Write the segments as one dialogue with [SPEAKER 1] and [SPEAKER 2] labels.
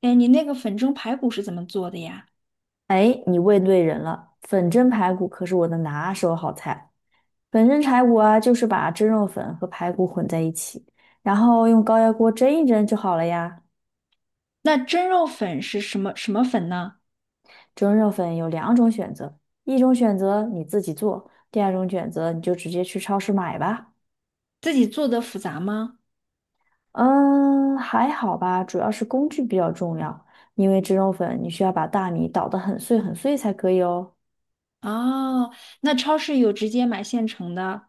[SPEAKER 1] 哎，你那个粉蒸排骨是怎么做的呀？
[SPEAKER 2] 哎，你问对人了，粉蒸排骨可是我的拿手好菜。粉蒸排骨啊，就是把蒸肉粉和排骨混在一起，然后用高压锅蒸一蒸就好了呀。
[SPEAKER 1] 那蒸肉粉是什么粉呢？
[SPEAKER 2] 蒸肉粉有两种选择，一种选择你自己做，第二种选择你就直接去超市买吧。
[SPEAKER 1] 自己做的复杂吗？
[SPEAKER 2] 嗯，还好吧，主要是工具比较重要，因为蒸肉粉你需要把大米捣得很碎很碎才可以哦。
[SPEAKER 1] 哦，那超市有直接买现成的。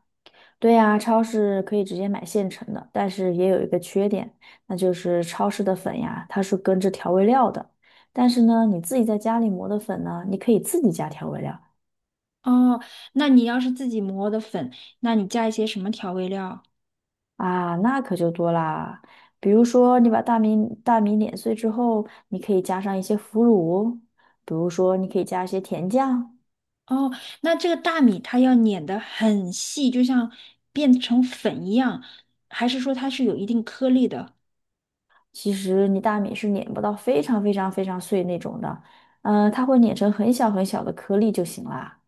[SPEAKER 2] 对呀，超市可以直接买现成的，但是也有一个缺点，那就是超市的粉呀，它是跟着调味料的。但是呢，你自己在家里磨的粉呢，你可以自己加调味料
[SPEAKER 1] 哦，那你要是自己磨的粉，那你加一些什么调味料？
[SPEAKER 2] 啊，那可就多啦。比如说，你把大米碾碎之后，你可以加上一些腐乳，比如说你可以加一些甜酱。
[SPEAKER 1] 哦，那这个大米它要碾得很细，就像变成粉一样，还是说它是有一定颗粒的？
[SPEAKER 2] 其实你大米是碾不到非常非常非常碎那种的，它会碾成很小很小的颗粒就行啦。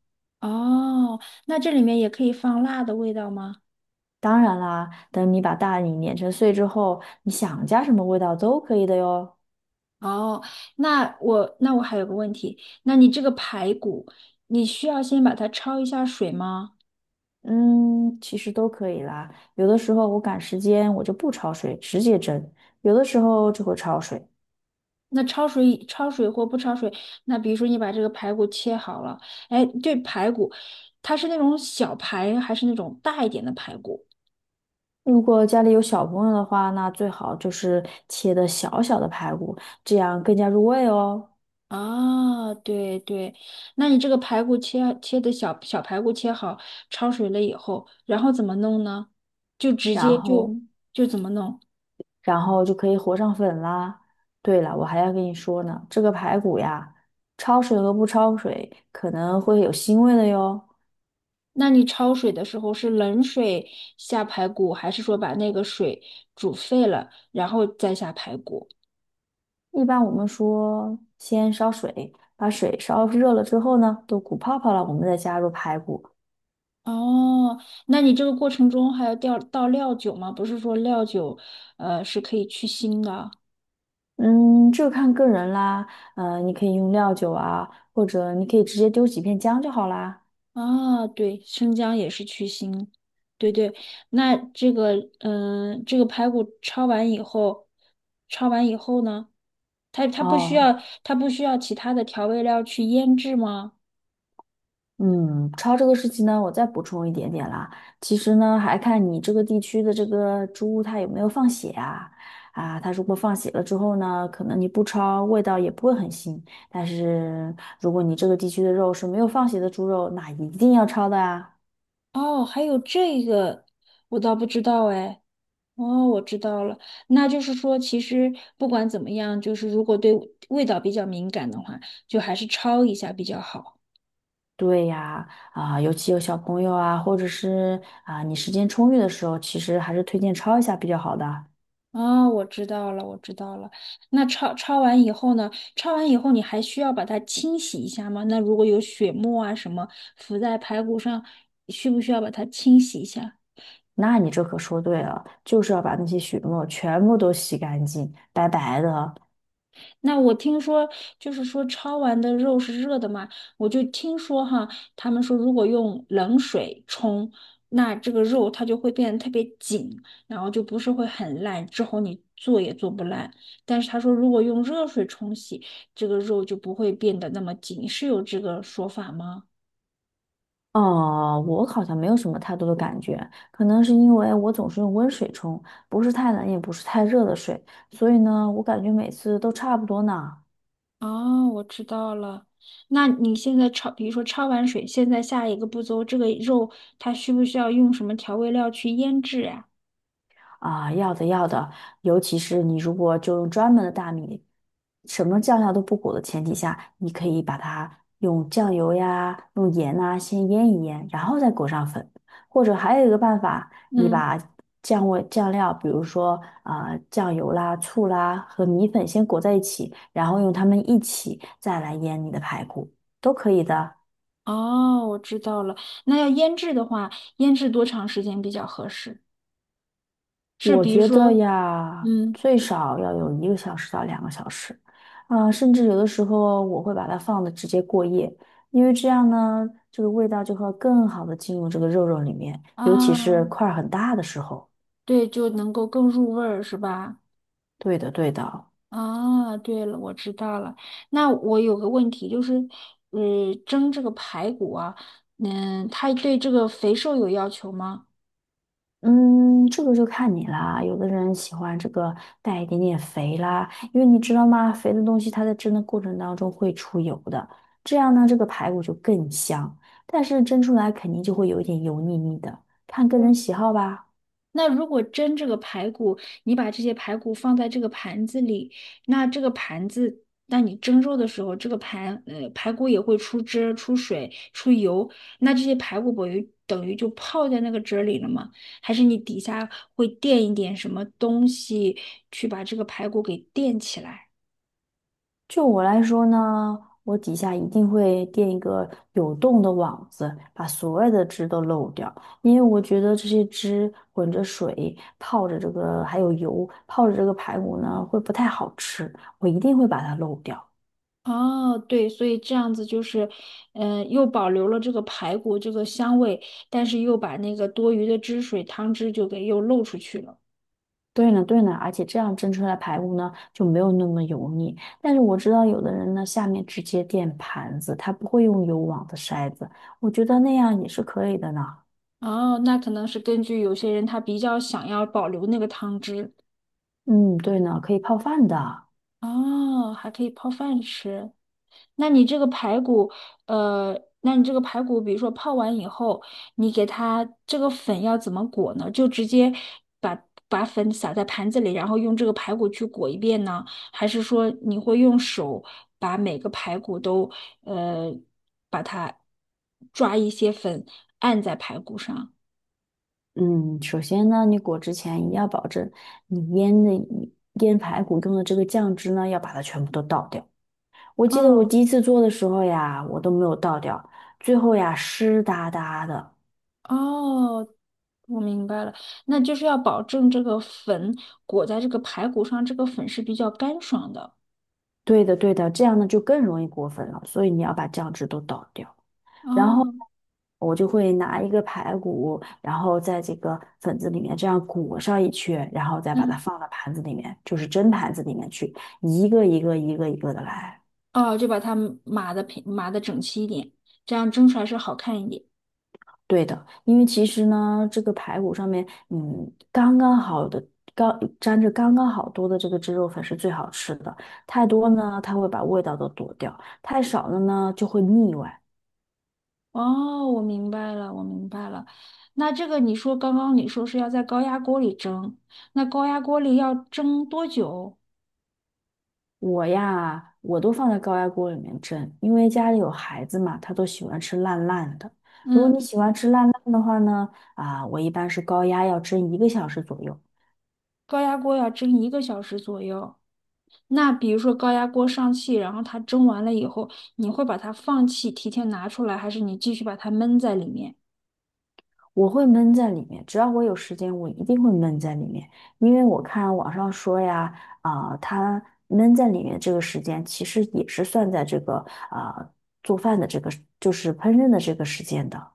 [SPEAKER 1] 哦，那这里面也可以放辣的味道吗？
[SPEAKER 2] 当然啦，等你把大米碾成碎之后，你想加什么味道都可以的哟。
[SPEAKER 1] 哦，那我还有个问题，那你这个排骨，你需要先把它焯一下水吗？
[SPEAKER 2] 嗯，其实都可以啦。有的时候我赶时间，我就不焯水，直接蒸；有的时候就会焯水。
[SPEAKER 1] 那焯水或不焯水，那比如说你把这个排骨切好了，哎，对，排骨，它是那种小排还是那种大一点的排骨？
[SPEAKER 2] 如果家里有小朋友的话，那最好就是切的小小的排骨，这样更加入味哦。
[SPEAKER 1] 啊，对对，那你这个排骨切切的小小排骨切好，焯水了以后，然后怎么弄呢？就直
[SPEAKER 2] 然
[SPEAKER 1] 接就
[SPEAKER 2] 后，
[SPEAKER 1] 就怎么弄？
[SPEAKER 2] 然后就可以和上粉啦。对了，我还要跟你说呢，这个排骨呀，焯水和不焯水可能会有腥味的哟。
[SPEAKER 1] 那你焯水的时候是冷水下排骨，还是说把那个水煮沸了，然后再下排骨？
[SPEAKER 2] 一般我们说先烧水，把水烧热了之后呢，都鼓泡泡了，我们再加入排骨。
[SPEAKER 1] 哦，那你这个过程中还要调倒料酒吗？不是说料酒，是可以去腥的啊。
[SPEAKER 2] 嗯，这个看个人啦。嗯，你可以用料酒啊，或者你可以直接丢几片姜就好啦。
[SPEAKER 1] 啊，对，生姜也是去腥。对对，那这个，这个排骨焯完以后，焯完以后呢，它不需
[SPEAKER 2] 哦，
[SPEAKER 1] 要它不需要其他的调味料去腌制吗？
[SPEAKER 2] 嗯，焯这个事情呢，我再补充一点点啦。其实呢，还看你这个地区的这个猪它有没有放血啊？啊，它如果放血了之后呢，可能你不焯，味道也不会很腥。但是如果你这个地区的肉是没有放血的猪肉，那一定要焯的啊。
[SPEAKER 1] 哦，还有这个，我倒不知道哎。哦，我知道了，那就是说，其实不管怎么样，就是如果对味道比较敏感的话，就还是焯一下比较好。
[SPEAKER 2] 对呀，啊，尤其有小朋友啊，或者是啊你时间充裕的时候，其实还是推荐焯一下比较好的。
[SPEAKER 1] 哦，我知道了，我知道了。那焯完以后呢？焯完以后你还需要把它清洗一下吗？那如果有血沫啊什么浮在排骨上，需不需要把它清洗一下？
[SPEAKER 2] 那你这可说对了，就是要把那些血沫全部都洗干净，白白的。
[SPEAKER 1] 那我听说，就是说焯完的肉是热的嘛，我就听说哈，他们说如果用冷水冲，那这个肉它就会变得特别紧，然后就不是会很烂，之后你做也做不烂。但是他说，如果用热水冲洗，这个肉就不会变得那么紧，是有这个说法吗？
[SPEAKER 2] 哦，我好像没有什么太多的感觉，可能是因为我总是用温水冲，不是太冷也不是太热的水，所以呢，我感觉每次都差不多呢。
[SPEAKER 1] 哦，我知道了。那你现在焯，比如说焯完水，现在下一个步骤，这个肉它需不需要用什么调味料去腌制呀？
[SPEAKER 2] 啊，要的要的，尤其是你如果就用专门的大米，什么酱料都不裹的前提下，你可以把它用酱油呀、用盐呐、先腌一腌，然后再裹上粉。或者还有一个办法，你
[SPEAKER 1] 嗯。
[SPEAKER 2] 把酱味酱料，比如说啊、酱油啦、醋啦和米粉先裹在一起，然后用它们一起再来腌你的排骨，都可以的。
[SPEAKER 1] 哦，我知道了。那要腌制的话，腌制多长时间比较合适？是
[SPEAKER 2] 我
[SPEAKER 1] 比如
[SPEAKER 2] 觉得
[SPEAKER 1] 说，
[SPEAKER 2] 呀，
[SPEAKER 1] 嗯
[SPEAKER 2] 最少要有1个小时到2个小时，甚至有的时候我会把它放的直接过夜，因为这样呢，这个味道就会更好的进入这个肉肉里面，尤其
[SPEAKER 1] 啊，
[SPEAKER 2] 是块儿很大的时候。
[SPEAKER 1] 对，就能够更入味儿，是吧？
[SPEAKER 2] 对的，对的。
[SPEAKER 1] 啊，对了，我知道了。那我有个问题，就是，蒸这个排骨啊，嗯，它对这个肥瘦有要求吗？
[SPEAKER 2] 嗯，这个就看你啦。有的人喜欢这个带一点点肥啦，因为你知道吗？肥的东西它在蒸的过程当中会出油的，这样呢，这个排骨就更香。但是蒸出来肯定就会有一点油腻腻的，看个人喜好吧。
[SPEAKER 1] 那如果蒸这个排骨，你把这些排骨放在这个盘子里，那这个盘子，那你蒸肉的时候，这个排骨也会出汁出水、出油，那这些排骨不就等于就泡在那个汁儿里了吗？还是你底下会垫一点什么东西去把这个排骨给垫起来？
[SPEAKER 2] 就我来说呢，我底下一定会垫一个有洞的网子，把所有的汁都漏掉，因为我觉得这些汁混着水泡着这个还有油泡着这个排骨呢，会不太好吃，我一定会把它漏掉。
[SPEAKER 1] 哦，对，所以这样子就是，又保留了这个排骨这个香味，但是又把那个多余的汤汁就给又漏出去了。
[SPEAKER 2] 对呢，对呢，而且这样蒸出来的排骨呢就没有那么油腻。但是我知道有的人呢下面直接垫盘子，他不会用有网的筛子，我觉得那样也是可以的呢。
[SPEAKER 1] 哦，那可能是根据有些人他比较想要保留那个汤汁。
[SPEAKER 2] 嗯，对呢，可以泡饭的。
[SPEAKER 1] 哦，还可以泡饭吃。那你这个排骨，呃，那你这个排骨，比如说泡完以后，你给它这个粉要怎么裹呢？就直接把把粉撒在盘子里，然后用这个排骨去裹一遍呢？还是说你会用手把每个排骨都，呃，把它抓一些粉按在排骨上？
[SPEAKER 2] 嗯，首先呢，你裹之前一定要保证你腌排骨用的这个酱汁呢，要把它全部都倒掉。我记得我
[SPEAKER 1] 哦
[SPEAKER 2] 第一次做的时候呀，我都没有倒掉，最后呀湿哒哒的。
[SPEAKER 1] 哦，我明白了，那就是要保证这个粉裹在这个排骨上，这个粉是比较干爽的。
[SPEAKER 2] 对的，对的，这样呢就更容易裹粉了，所以你要把酱汁都倒掉。然后
[SPEAKER 1] 哦，
[SPEAKER 2] 我就会拿一个排骨，然后在这个粉子里面这样裹上一圈，然后再把它
[SPEAKER 1] 嗯，
[SPEAKER 2] 放到盘子里面，就是蒸盘子里面去，一个一个的来。
[SPEAKER 1] 哦，就把它码的平，码的整齐一点，这样蒸出来是好看一点。
[SPEAKER 2] 对的，因为其实呢，这个排骨上面，嗯，刚刚好的，刚沾着刚刚好多的这个汁肉粉是最好吃的。太多呢，它会把味道都躲掉；太少了呢，就会腻歪。
[SPEAKER 1] 哦，我明白了，我明白了。那这个你说刚刚你说是要在高压锅里蒸，那高压锅里要蒸多久？
[SPEAKER 2] 我呀，我都放在高压锅里面蒸，因为家里有孩子嘛，他都喜欢吃烂烂的。如果你
[SPEAKER 1] 嗯，
[SPEAKER 2] 喜欢吃烂烂的话呢，啊，我一般是高压要蒸一个小时左右，
[SPEAKER 1] 高压锅要蒸1个小时左右。那比如说高压锅上气，然后它蒸完了以后，你会把它放气，提前拿出来，还是你继续把它闷在里面？
[SPEAKER 2] 我会闷在里面，只要我有时间，我一定会闷在里面，因为我看网上说呀，它闷在里面这个时间，其实也是算在这个啊、做饭的这个，就是烹饪的这个时间的。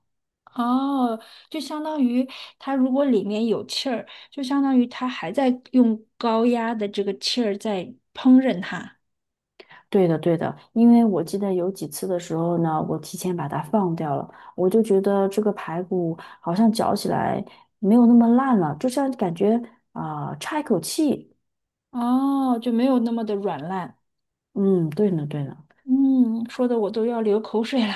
[SPEAKER 1] 哦，就相当于它如果里面有气儿，就相当于它还在用高压的这个气儿在烹饪它。
[SPEAKER 2] 对的，对的，因为我记得有几次的时候呢，我提前把它放掉了，我就觉得这个排骨好像嚼起来没有那么烂了，就像感觉差一口气。
[SPEAKER 1] 哦，就没有那么的软烂。
[SPEAKER 2] 嗯，对呢，对呢。
[SPEAKER 1] 嗯，说的我都要流口水了。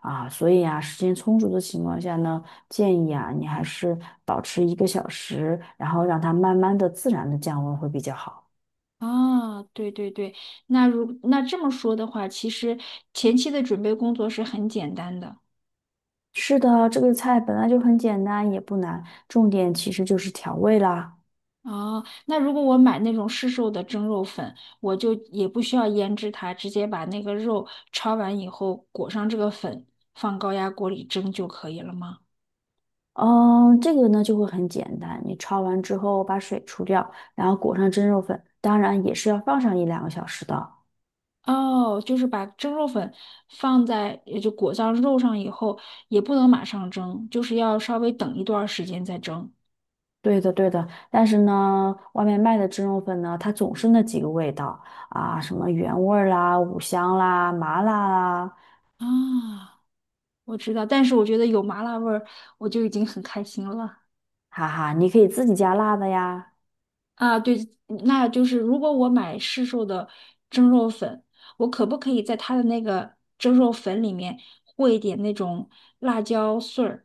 [SPEAKER 2] 啊，所以啊，时间充足的情况下呢，建议啊，你还是保持一个小时，然后让它慢慢的、自然的降温会比较好。
[SPEAKER 1] 啊，对对对，那这么说的话，其实前期的准备工作是很简单的。
[SPEAKER 2] 是的，这个菜本来就很简单，也不难，重点其实就是调味啦。
[SPEAKER 1] 哦，那如果我买那种市售的蒸肉粉，我就也不需要腌制它，直接把那个肉焯完以后裹上这个粉，放高压锅里蒸就可以了吗？
[SPEAKER 2] 嗯，这个呢就会很简单，你焯完之后把水除掉，然后裹上蒸肉粉，当然也是要放上1~2个小时的。
[SPEAKER 1] 哦，就是把蒸肉粉放在，也就裹上肉上以后，也不能马上蒸，就是要稍微等一段时间再蒸。
[SPEAKER 2] 对的，对的，但是呢，外面卖的蒸肉粉呢，它总是那几个味道。啊，什么原味儿啦、五香啦、麻辣啦，
[SPEAKER 1] 啊，我知道，但是我觉得有麻辣味儿，我就已经很开心了。
[SPEAKER 2] 哈哈，你可以自己加辣的呀，
[SPEAKER 1] 啊，对，那就是如果我买市售的蒸肉粉，我可不可以在它的那个蒸肉粉里面和一点那种辣椒碎儿？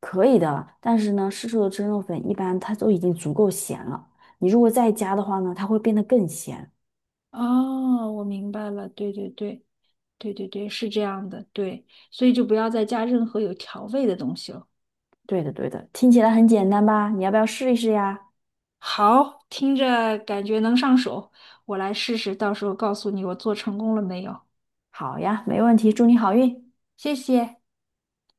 [SPEAKER 2] 可以的。但是呢，市售的蒸肉粉一般它都已经足够咸了，你如果再加的话呢，它会变得更咸。
[SPEAKER 1] 哦，我明白了，对对对对对对，是这样的，对，所以就不要再加任何有调味的东西了。
[SPEAKER 2] 对的，对的，听起来很简单吧？你要不要试一试呀？
[SPEAKER 1] 好，听着感觉能上手，我来试试，到时候告诉你我做成功了没有。
[SPEAKER 2] 好呀，没问题，祝你好运。
[SPEAKER 1] 谢谢。